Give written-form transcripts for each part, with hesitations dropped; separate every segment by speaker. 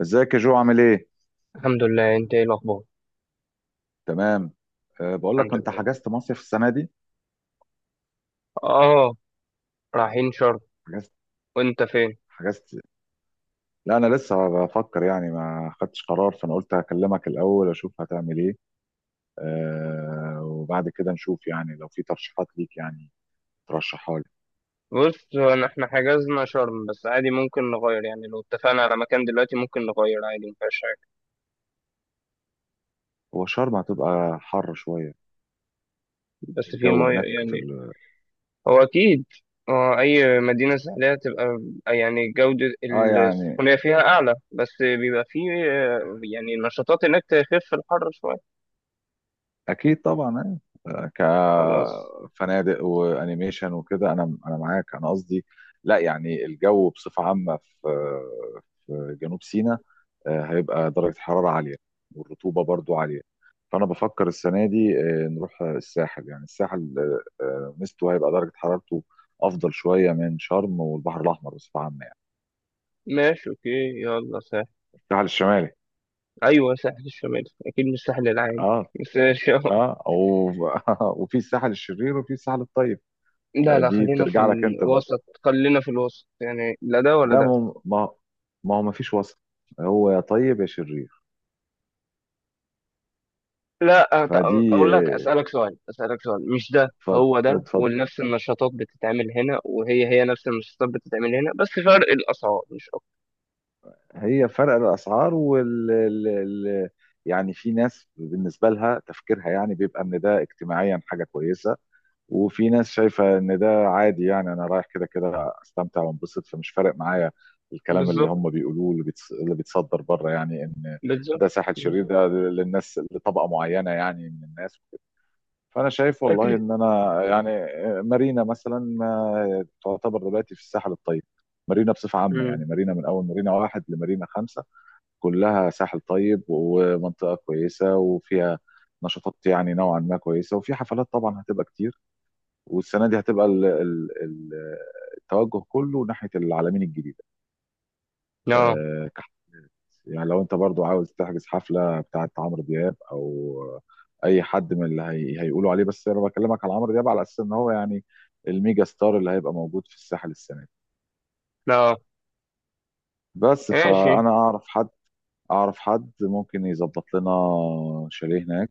Speaker 1: ازيك يا جو، عامل ايه؟
Speaker 2: الحمد لله، انت ايه الاخبار؟
Speaker 1: تمام. أه، بقول
Speaker 2: الحمد
Speaker 1: لك، انت
Speaker 2: لله.
Speaker 1: حجزت مصيف السنه دي؟
Speaker 2: اه، رايحين شرم.
Speaker 1: حجزت
Speaker 2: وانت فين؟
Speaker 1: حجزت. لا، انا لسه بفكر يعني، ما خدتش قرار، فانا قلت هكلمك الاول اشوف هتعمل ايه. أه، وبعد كده نشوف يعني، لو في ترشيحات ليك يعني ترشحها لي.
Speaker 2: بص، احنا حجزنا شرم بس عادي ممكن نغير، يعني لو اتفقنا على مكان دلوقتي ممكن نغير عادي مفيهاش حاجه.
Speaker 1: هو شرم هتبقى حر شويه.
Speaker 2: بس في
Speaker 1: الجو
Speaker 2: ميه
Speaker 1: هناك في
Speaker 2: يعني. هو اكيد. اه، اي مدينه ساحليه تبقى يعني جوده.
Speaker 1: اه يعني،
Speaker 2: السخونيه فيها اعلى بس بيبقى في اه، يعني نشاطات هناك تخف الحر شويه.
Speaker 1: اكيد طبعا. آه.
Speaker 2: خلاص.
Speaker 1: كفنادق وانيميشن وكده، انا معاك، انا قصدي لا، يعني الجو بصفه عامه في جنوب سيناء، هيبقى درجة الحرارة عالية والرطوبة برضو عالية. فأنا بفكر السنة دي نروح الساحل، يعني الساحل ميزته هيبقى درجة حرارته أفضل شوية من شرم والبحر الأحمر بصفة عامة يعني.
Speaker 2: ماشي اوكي. يلا ساحل.
Speaker 1: الساحل الشمالي.
Speaker 2: ايوه، ساحل الشمال اكيد مش الساحل العام
Speaker 1: اه
Speaker 2: بس
Speaker 1: اه و... وفي الساحل الشرير وفي الساحل الطيب.
Speaker 2: لا لا،
Speaker 1: دي
Speaker 2: خلينا في
Speaker 1: بترجع لك أنت بقى.
Speaker 2: الوسط خلينا في الوسط، يعني لا ده ولا
Speaker 1: لا،
Speaker 2: ده.
Speaker 1: ما هو ما فيش وسط، هو يا طيب يا شرير.
Speaker 2: لا،
Speaker 1: فدي
Speaker 2: اقول لك اسالك سؤال اسالك سؤال، مش ده
Speaker 1: اتفضل
Speaker 2: هو ده،
Speaker 1: اتفضل.
Speaker 2: ونفس النشاطات بتتعمل هنا وهي هي نفس النشاطات بتتعمل هنا، بس فرق الاسعار مش اكتر.
Speaker 1: هي فرق الاسعار يعني في ناس بالنسبه لها تفكيرها يعني بيبقى ان ده اجتماعيا حاجه كويسه، وفي ناس شايفه ان ده عادي، يعني انا رايح كده كده استمتع وانبسط، فمش فارق معايا الكلام اللي
Speaker 2: بالظبط،
Speaker 1: هم بيقولوه، اللي بيتصدر بره، يعني ان
Speaker 2: بالظبط.
Speaker 1: ده ساحل
Speaker 2: مم.
Speaker 1: شرير، ده للناس لطبقه معينه يعني من الناس. فانا شايف والله
Speaker 2: اكيد.
Speaker 1: ان انا يعني مارينا مثلا ما تعتبر دلوقتي في الساحل الطيب. مارينا بصفه عامه يعني،
Speaker 2: امم.
Speaker 1: مارينا من اول مارينا واحد لمارينا خمسه كلها ساحل طيب ومنطقة كويسة، وفيها نشاطات يعني نوعا ما كويسة، وفي حفلات طبعا هتبقى كتير. والسنة دي هتبقى ال ال ال التوجه كله ناحية العلمين الجديدة.
Speaker 2: لا
Speaker 1: كحت يعني، لو انت برضو عاوز تحجز حفلة بتاعة عمرو دياب او اي حد من هيقولوا عليه، بس انا بكلمك على عمرو دياب على اساس ان هو يعني الميجا ستار اللي هيبقى موجود في الساحل السنة دي.
Speaker 2: لا.
Speaker 1: بس
Speaker 2: ماشي.
Speaker 1: فانا اعرف حد، ممكن يظبط لنا شاليه هناك،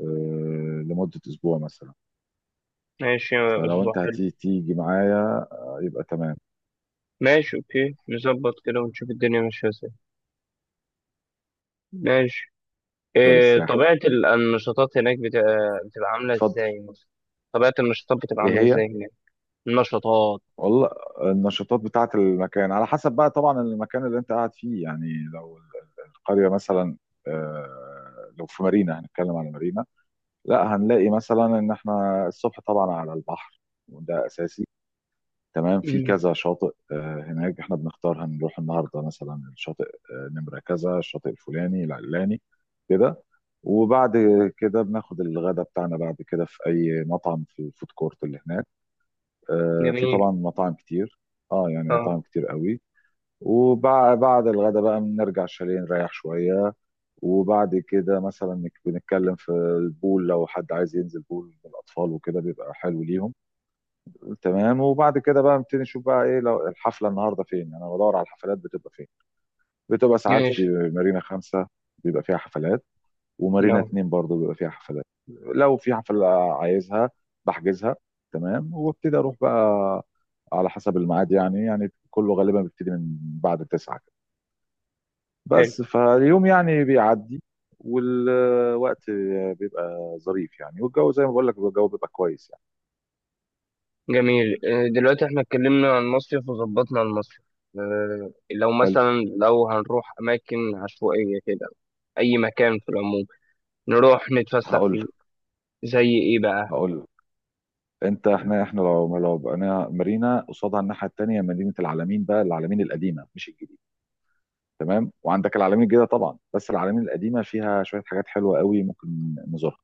Speaker 1: لمدة أسبوع مثلا.
Speaker 2: ماشي، يا
Speaker 1: فلو أنت
Speaker 2: اسبوع حلو.
Speaker 1: هتيجي تيجي معايا، يبقى تمام.
Speaker 2: ماشي اوكي، نظبط كده ونشوف الدنيا ماشيه ازاي. ماشي.
Speaker 1: ده
Speaker 2: إيه
Speaker 1: للساحل،
Speaker 2: طبيعه النشاطات هناك بتبقى عامله
Speaker 1: اتفضل.
Speaker 2: ازاي مثلا؟ طبيعه النشاطات بتبقى
Speaker 1: إيه
Speaker 2: عامله
Speaker 1: هي؟
Speaker 2: ازاي هناك؟ نشاطات.
Speaker 1: والله، النشاطات بتاعة المكان على حسب بقى طبعا المكان اللي أنت قاعد فيه يعني. لو القرية مثلا، لو في مارينا هنتكلم على مارينا. لا، هنلاقي مثلا إن إحنا الصبح طبعا على البحر، وده أساسي. تمام، في
Speaker 2: مم.
Speaker 1: كذا شاطئ هناك، احنا بنختار هنروح النهارده مثلا الشاطئ نمره كذا، الشاطئ الفلاني العلاني كده. وبعد كده بناخد الغداء بتاعنا، بعد كده في اي مطعم في الفود كورت اللي هناك، في طبعا
Speaker 2: جميل.
Speaker 1: مطاعم كتير، اه يعني مطاعم
Speaker 2: اه.
Speaker 1: كتير قوي. وبعد الغداء بقى بنرجع الشاليه نريح شويه. وبعد كده مثلا بنتكلم في البول، لو حد عايز ينزل بول من الاطفال وكده بيبقى حلو ليهم. تمام، وبعد كده بقى نبتدي نشوف بقى ايه، لو الحفله النهارده فين، انا بدور على الحفلات بتبقى فين. بتبقى ساعات في
Speaker 2: ماشي.
Speaker 1: مارينا خمسة بيبقى فيها حفلات، ومارينا
Speaker 2: اه.
Speaker 1: اتنين برضه بيبقى فيها حفلات. لو في حفله عايزها بحجزها، تمام، وابتدي اروح بقى على حسب الميعاد يعني كله غالبا بيبتدي من بعد تسعة كده.
Speaker 2: حلو.
Speaker 1: بس فاليوم يعني بيعدي، والوقت بيبقى ظريف يعني، والجو زي ما بقول لك الجو بيبقى كويس يعني.
Speaker 2: جميل. دلوقتي احنا اتكلمنا عن المصيف وظبطنا المصيف، لو
Speaker 1: حلو.
Speaker 2: مثلا لو هنروح اماكن عشوائية كده، اي مكان في العموم نروح نتفسح
Speaker 1: هقول
Speaker 2: فيه. زي ايه بقى؟
Speaker 1: هقول. انت، احنا لو بقينا مارينا، قصادها الناحيه التانيه مدينه العلمين بقى، العلمين القديمه مش الجديده. تمام، وعندك العلمين الجديده طبعا، بس العلمين القديمه فيها شويه حاجات حلوه قوي ممكن نزورها.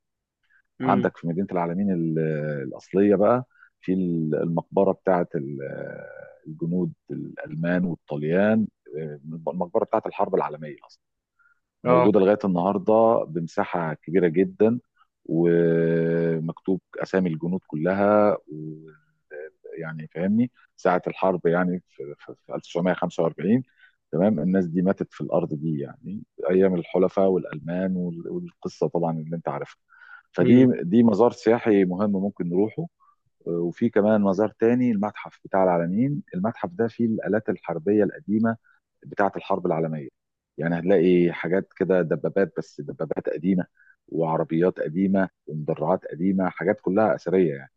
Speaker 2: امم.
Speaker 1: عندك في مدينه العلمين الاصليه بقى، في المقبره بتاعه الجنود الالمان والطليان، المقبره بتاعه الحرب العالميه اصلا.
Speaker 2: اه.
Speaker 1: موجودة لغاية النهاردة بمساحة كبيرة جدا، ومكتوب أسامي الجنود كلها، و يعني فاهمني ساعة الحرب يعني، في 1945 تمام الناس دي ماتت في الأرض دي يعني، أيام الحلفاء والألمان والقصة طبعا اللي أنت عارفها. فدي
Speaker 2: امم.
Speaker 1: دي مزار سياحي مهم ممكن نروحه. وفي كمان مزار تاني، المتحف بتاع العلمين. المتحف ده فيه الآلات الحربية القديمة بتاعة الحرب العالمية، يعني هتلاقي حاجات كده، دبابات، بس دبابات قديمة، وعربيات قديمة، ومدرعات قديمة، حاجات كلها أثرية يعني.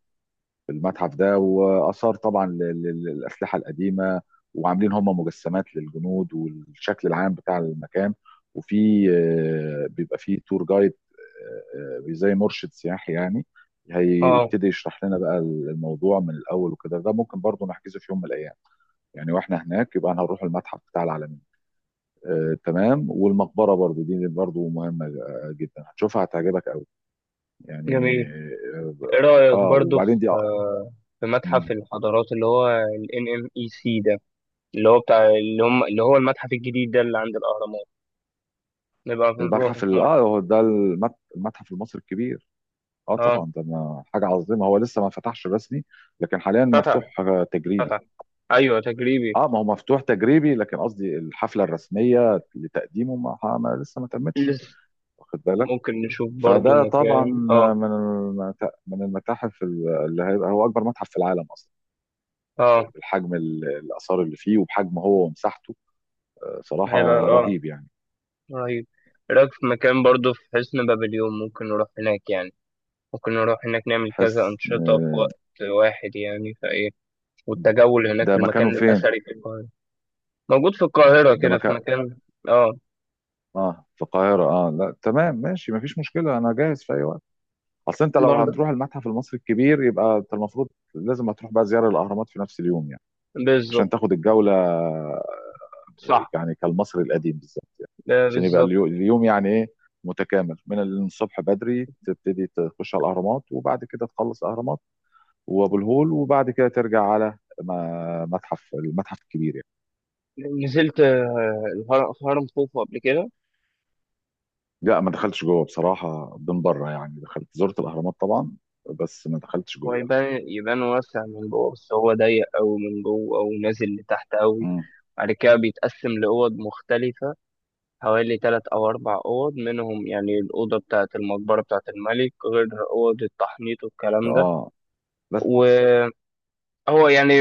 Speaker 1: في المتحف ده واثار طبعا للاسلحه القديمه، وعاملين هم مجسمات للجنود والشكل العام بتاع المكان. وفي بيبقى في تور جايد، زي مرشد سياحي يعني،
Speaker 2: اه.
Speaker 1: هيبتدي يشرح لنا بقى الموضوع من الاول وكده. ده ممكن برضو نحجزه في يوم من الايام، يعني واحنا هناك يبقى هنروح المتحف بتاع العالمين، تمام. والمقبره برضو دي برضو مهمه جدا، هتشوفها هتعجبك قوي يعني.
Speaker 2: جميل. ايه
Speaker 1: اه،
Speaker 2: رأيك برضو في
Speaker 1: وبعدين دي
Speaker 2: في متحف الحضارات اللي هو ال NMEC ده، اللي هو بتاع اللي هم اللي هو المتحف الجديد ده اللي عند الاهرامات. نبقى بنروح
Speaker 1: المتحف
Speaker 2: في مرة.
Speaker 1: اه هو ده المتحف المصري الكبير. اه
Speaker 2: اه.
Speaker 1: طبعا ده حاجه عظيمه. هو لسه ما فتحش رسمي، لكن حاليا
Speaker 2: فتح،
Speaker 1: مفتوح تجريبي.
Speaker 2: فتح. ايوه، تجريبي.
Speaker 1: اه، ما هو مفتوح تجريبي، لكن قصدي الحفله الرسميه لتقديمه لسه ما تمتش،
Speaker 2: لسه.
Speaker 1: واخد بالك.
Speaker 2: ممكن نشوف برضو
Speaker 1: فده طبعا
Speaker 2: مكان اه.
Speaker 1: من المتاحف اللي هيبقى هو اكبر متحف في العالم اصلا،
Speaker 2: اه،
Speaker 1: بالحجم الاثار اللي فيه، وبحجم هو ومساحته.
Speaker 2: هيبقى
Speaker 1: صراحه رهيب يعني.
Speaker 2: رهيب. إيه رايك في مكان برضو في حسن بابليون؟ ممكن نروح هناك يعني، ممكن نروح هناك نعمل كذا
Speaker 1: حس
Speaker 2: أنشطة في
Speaker 1: آه،
Speaker 2: وقت واحد يعني فايه، والتجول هناك
Speaker 1: ده
Speaker 2: في المكان
Speaker 1: مكانه فين؟
Speaker 2: الأثري في القاهرة. موجود في القاهرة
Speaker 1: ده
Speaker 2: كده في
Speaker 1: مكانه
Speaker 2: مكان. اه.
Speaker 1: اه في القاهرة؟ اه، لا تمام ماشي، مفيش مشكلة، أنا جاهز في أي وقت. أصل أنت لو
Speaker 2: برضو.
Speaker 1: هتروح المتحف المصري الكبير يبقى أنت المفروض لازم هتروح بقى زيارة الأهرامات في نفس اليوم يعني، عشان
Speaker 2: بالظبط.
Speaker 1: تاخد الجولة
Speaker 2: صح.
Speaker 1: يعني كالمصري القديم بالظبط يعني،
Speaker 2: آه،
Speaker 1: عشان يبقى
Speaker 2: بالظبط.
Speaker 1: اليوم يعني إيه متكامل، من الصبح بدري تبتدي تخش على الأهرامات، وبعد كده تخلص الأهرامات وأبو الهول، وبعد كده ترجع على ما- متحف المتحف الكبير يعني.
Speaker 2: نزلت هرم خوفو قبل كده؟
Speaker 1: لا، ما دخلتش جوه بصراحة، من بره يعني دخلت، زرت الأهرامات طبعا بس ما دخلتش
Speaker 2: هو
Speaker 1: جوه.
Speaker 2: يبان واسع من جوه، بس هو ضيق أوي من جوه أو نازل لتحت أوي.
Speaker 1: مم.
Speaker 2: بعد كده بيتقسم لأوض مختلفة، حوالي 3 أو 4 أوض منهم، يعني الأوضة بتاعة المقبرة بتاعة الملك غير أوض التحنيط والكلام ده.
Speaker 1: اه بس.
Speaker 2: وهو يعني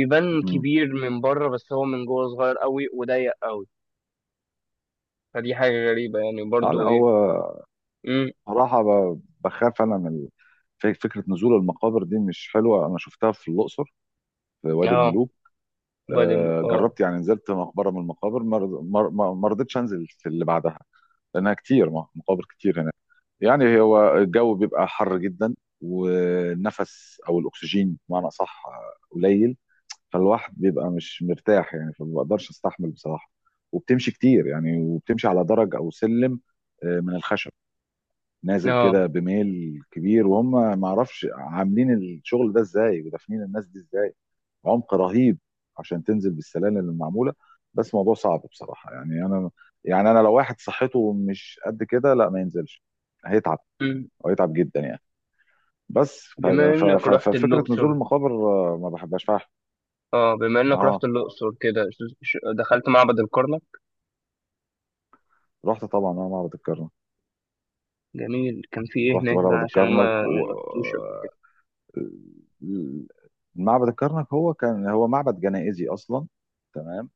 Speaker 2: يبان
Speaker 1: مم.
Speaker 2: كبير من بره، بس هو من جوه صغير أوي وضيق أوي. فدي حاجة غريبة يعني
Speaker 1: اه لا
Speaker 2: برضو إيه.
Speaker 1: هو
Speaker 2: مم.
Speaker 1: صراحة بخاف انا من فكرة نزول المقابر. دي مش حلوة، انا شفتها في الاقصر في وادي
Speaker 2: آه.
Speaker 1: الملوك.
Speaker 2: وادي آه.
Speaker 1: جربت يعني، نزلت مقبرة من المقابر ما رض- ما ما- ما رضيتش انزل في اللي بعدها، لانها كتير، مقابر كتير هناك يعني. هو الجو بيبقى حر جدا، والنفس او الاكسجين بمعنى صح قليل، فالواحد بيبقى مش مرتاح يعني، فما بقدرش استحمل بصراحه. وبتمشي كتير يعني، وبتمشي على درج او سلم من الخشب، نازل
Speaker 2: آه.
Speaker 1: كده بميل كبير. وهم ما اعرفش عاملين الشغل ده ازاي، ودافنين الناس دي ازاي. عمق رهيب عشان تنزل بالسلالم اللي معموله. بس موضوع صعب بصراحه يعني، انا يعني انا لو واحد صحته مش قد كده لا ما ينزلش، هيتعب
Speaker 2: مم.
Speaker 1: وهيتعب جدا يعني. بس
Speaker 2: بما إنك رحت
Speaker 1: ففكره نزول
Speaker 2: اللوكسور.
Speaker 1: المقابر ما بحبهاش فعلا.
Speaker 2: اه، بما انك رحت
Speaker 1: اه،
Speaker 2: الاقصر كده دخلت معبد الكرنك.
Speaker 1: رحت طبعا انا معبد الكرنك.
Speaker 2: جميل، كان في ايه
Speaker 1: رحت
Speaker 2: هناك بقى؟
Speaker 1: معبد
Speaker 2: عشان انا ما
Speaker 1: الكرنك،
Speaker 2: ما
Speaker 1: و
Speaker 2: رحتوش قبل كده.
Speaker 1: معبد الكرنك هو كان معبد جنائزي اصلا، تمام.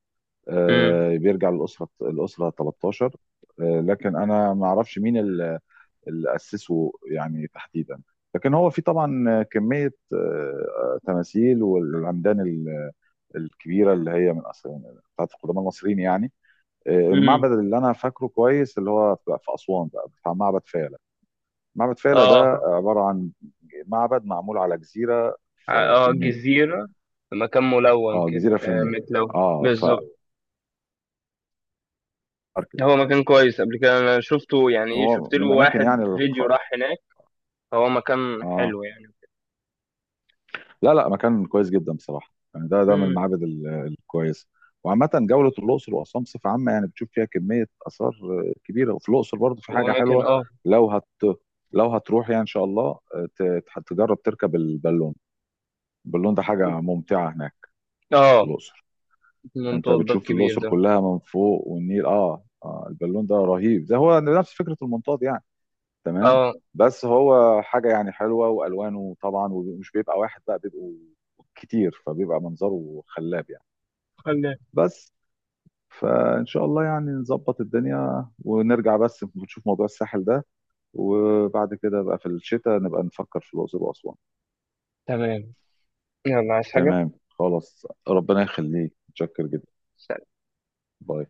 Speaker 2: امم.
Speaker 1: بيرجع للاسره 13. لكن انا ما اعرفش مين اللي اسسه يعني تحديدا، لكن هو في طبعا كميه آه تماثيل، والعمدان الكبيره اللي هي من أصل بتاعت القدماء المصريين يعني. المعبد
Speaker 2: امم.
Speaker 1: اللي انا فاكره كويس اللي هو في اسوان بقى بتاع معبد فيلة. معبد فيلة
Speaker 2: اه.
Speaker 1: ده عبارة عن معبد معمول على جزيرة في
Speaker 2: اه،
Speaker 1: النيل،
Speaker 2: جزيره. في مكان ملون
Speaker 1: اه
Speaker 2: كده،
Speaker 1: جزيرة في النيل،
Speaker 2: متلون
Speaker 1: اه
Speaker 2: بالظبط. هو مكان كويس، قبل كده انا شفته، يعني ايه،
Speaker 1: هو
Speaker 2: شفت له
Speaker 1: من الاماكن
Speaker 2: واحد
Speaker 1: يعني
Speaker 2: فيديو راح هناك. هو مكان
Speaker 1: اه
Speaker 2: حلو يعني.
Speaker 1: لا لا، مكان كويس جدا بصراحة يعني، ده من
Speaker 2: امم.
Speaker 1: المعابد الكويسة. وعامة جولة الأقصر وأسوان بصفة عامة يعني، بتشوف فيها كمية آثار كبيرة. وفي الأقصر برضه في حاجة
Speaker 2: واماكن
Speaker 1: حلوة،
Speaker 2: اه.
Speaker 1: لو هت لو هتروح يعني إن شاء الله تجرب تركب البالون. البالون ده حاجة ممتعة هناك في
Speaker 2: اه،
Speaker 1: الأقصر. انت
Speaker 2: المنطاد ده
Speaker 1: بتشوف
Speaker 2: الكبير
Speaker 1: الاقصر
Speaker 2: ده؟
Speaker 1: كلها من فوق والنيل، البالون ده رهيب، ده هو نفس فكره المنطاد يعني، تمام.
Speaker 2: اه.
Speaker 1: بس هو حاجه يعني حلوه، والوانه طبعا، ومش بيبقى واحد بقى، بيبقوا كتير، فبيبقى منظره خلاب يعني.
Speaker 2: خلي.
Speaker 1: بس فان شاء الله يعني نظبط الدنيا ونرجع، بس نشوف موضوع الساحل ده، وبعد كده بقى في الشتاء نبقى نفكر في الاقصر واسوان.
Speaker 2: تمام. يلا، عايز حاجه؟
Speaker 1: تمام، خلاص، ربنا يخليك، متشكر جدا، باي.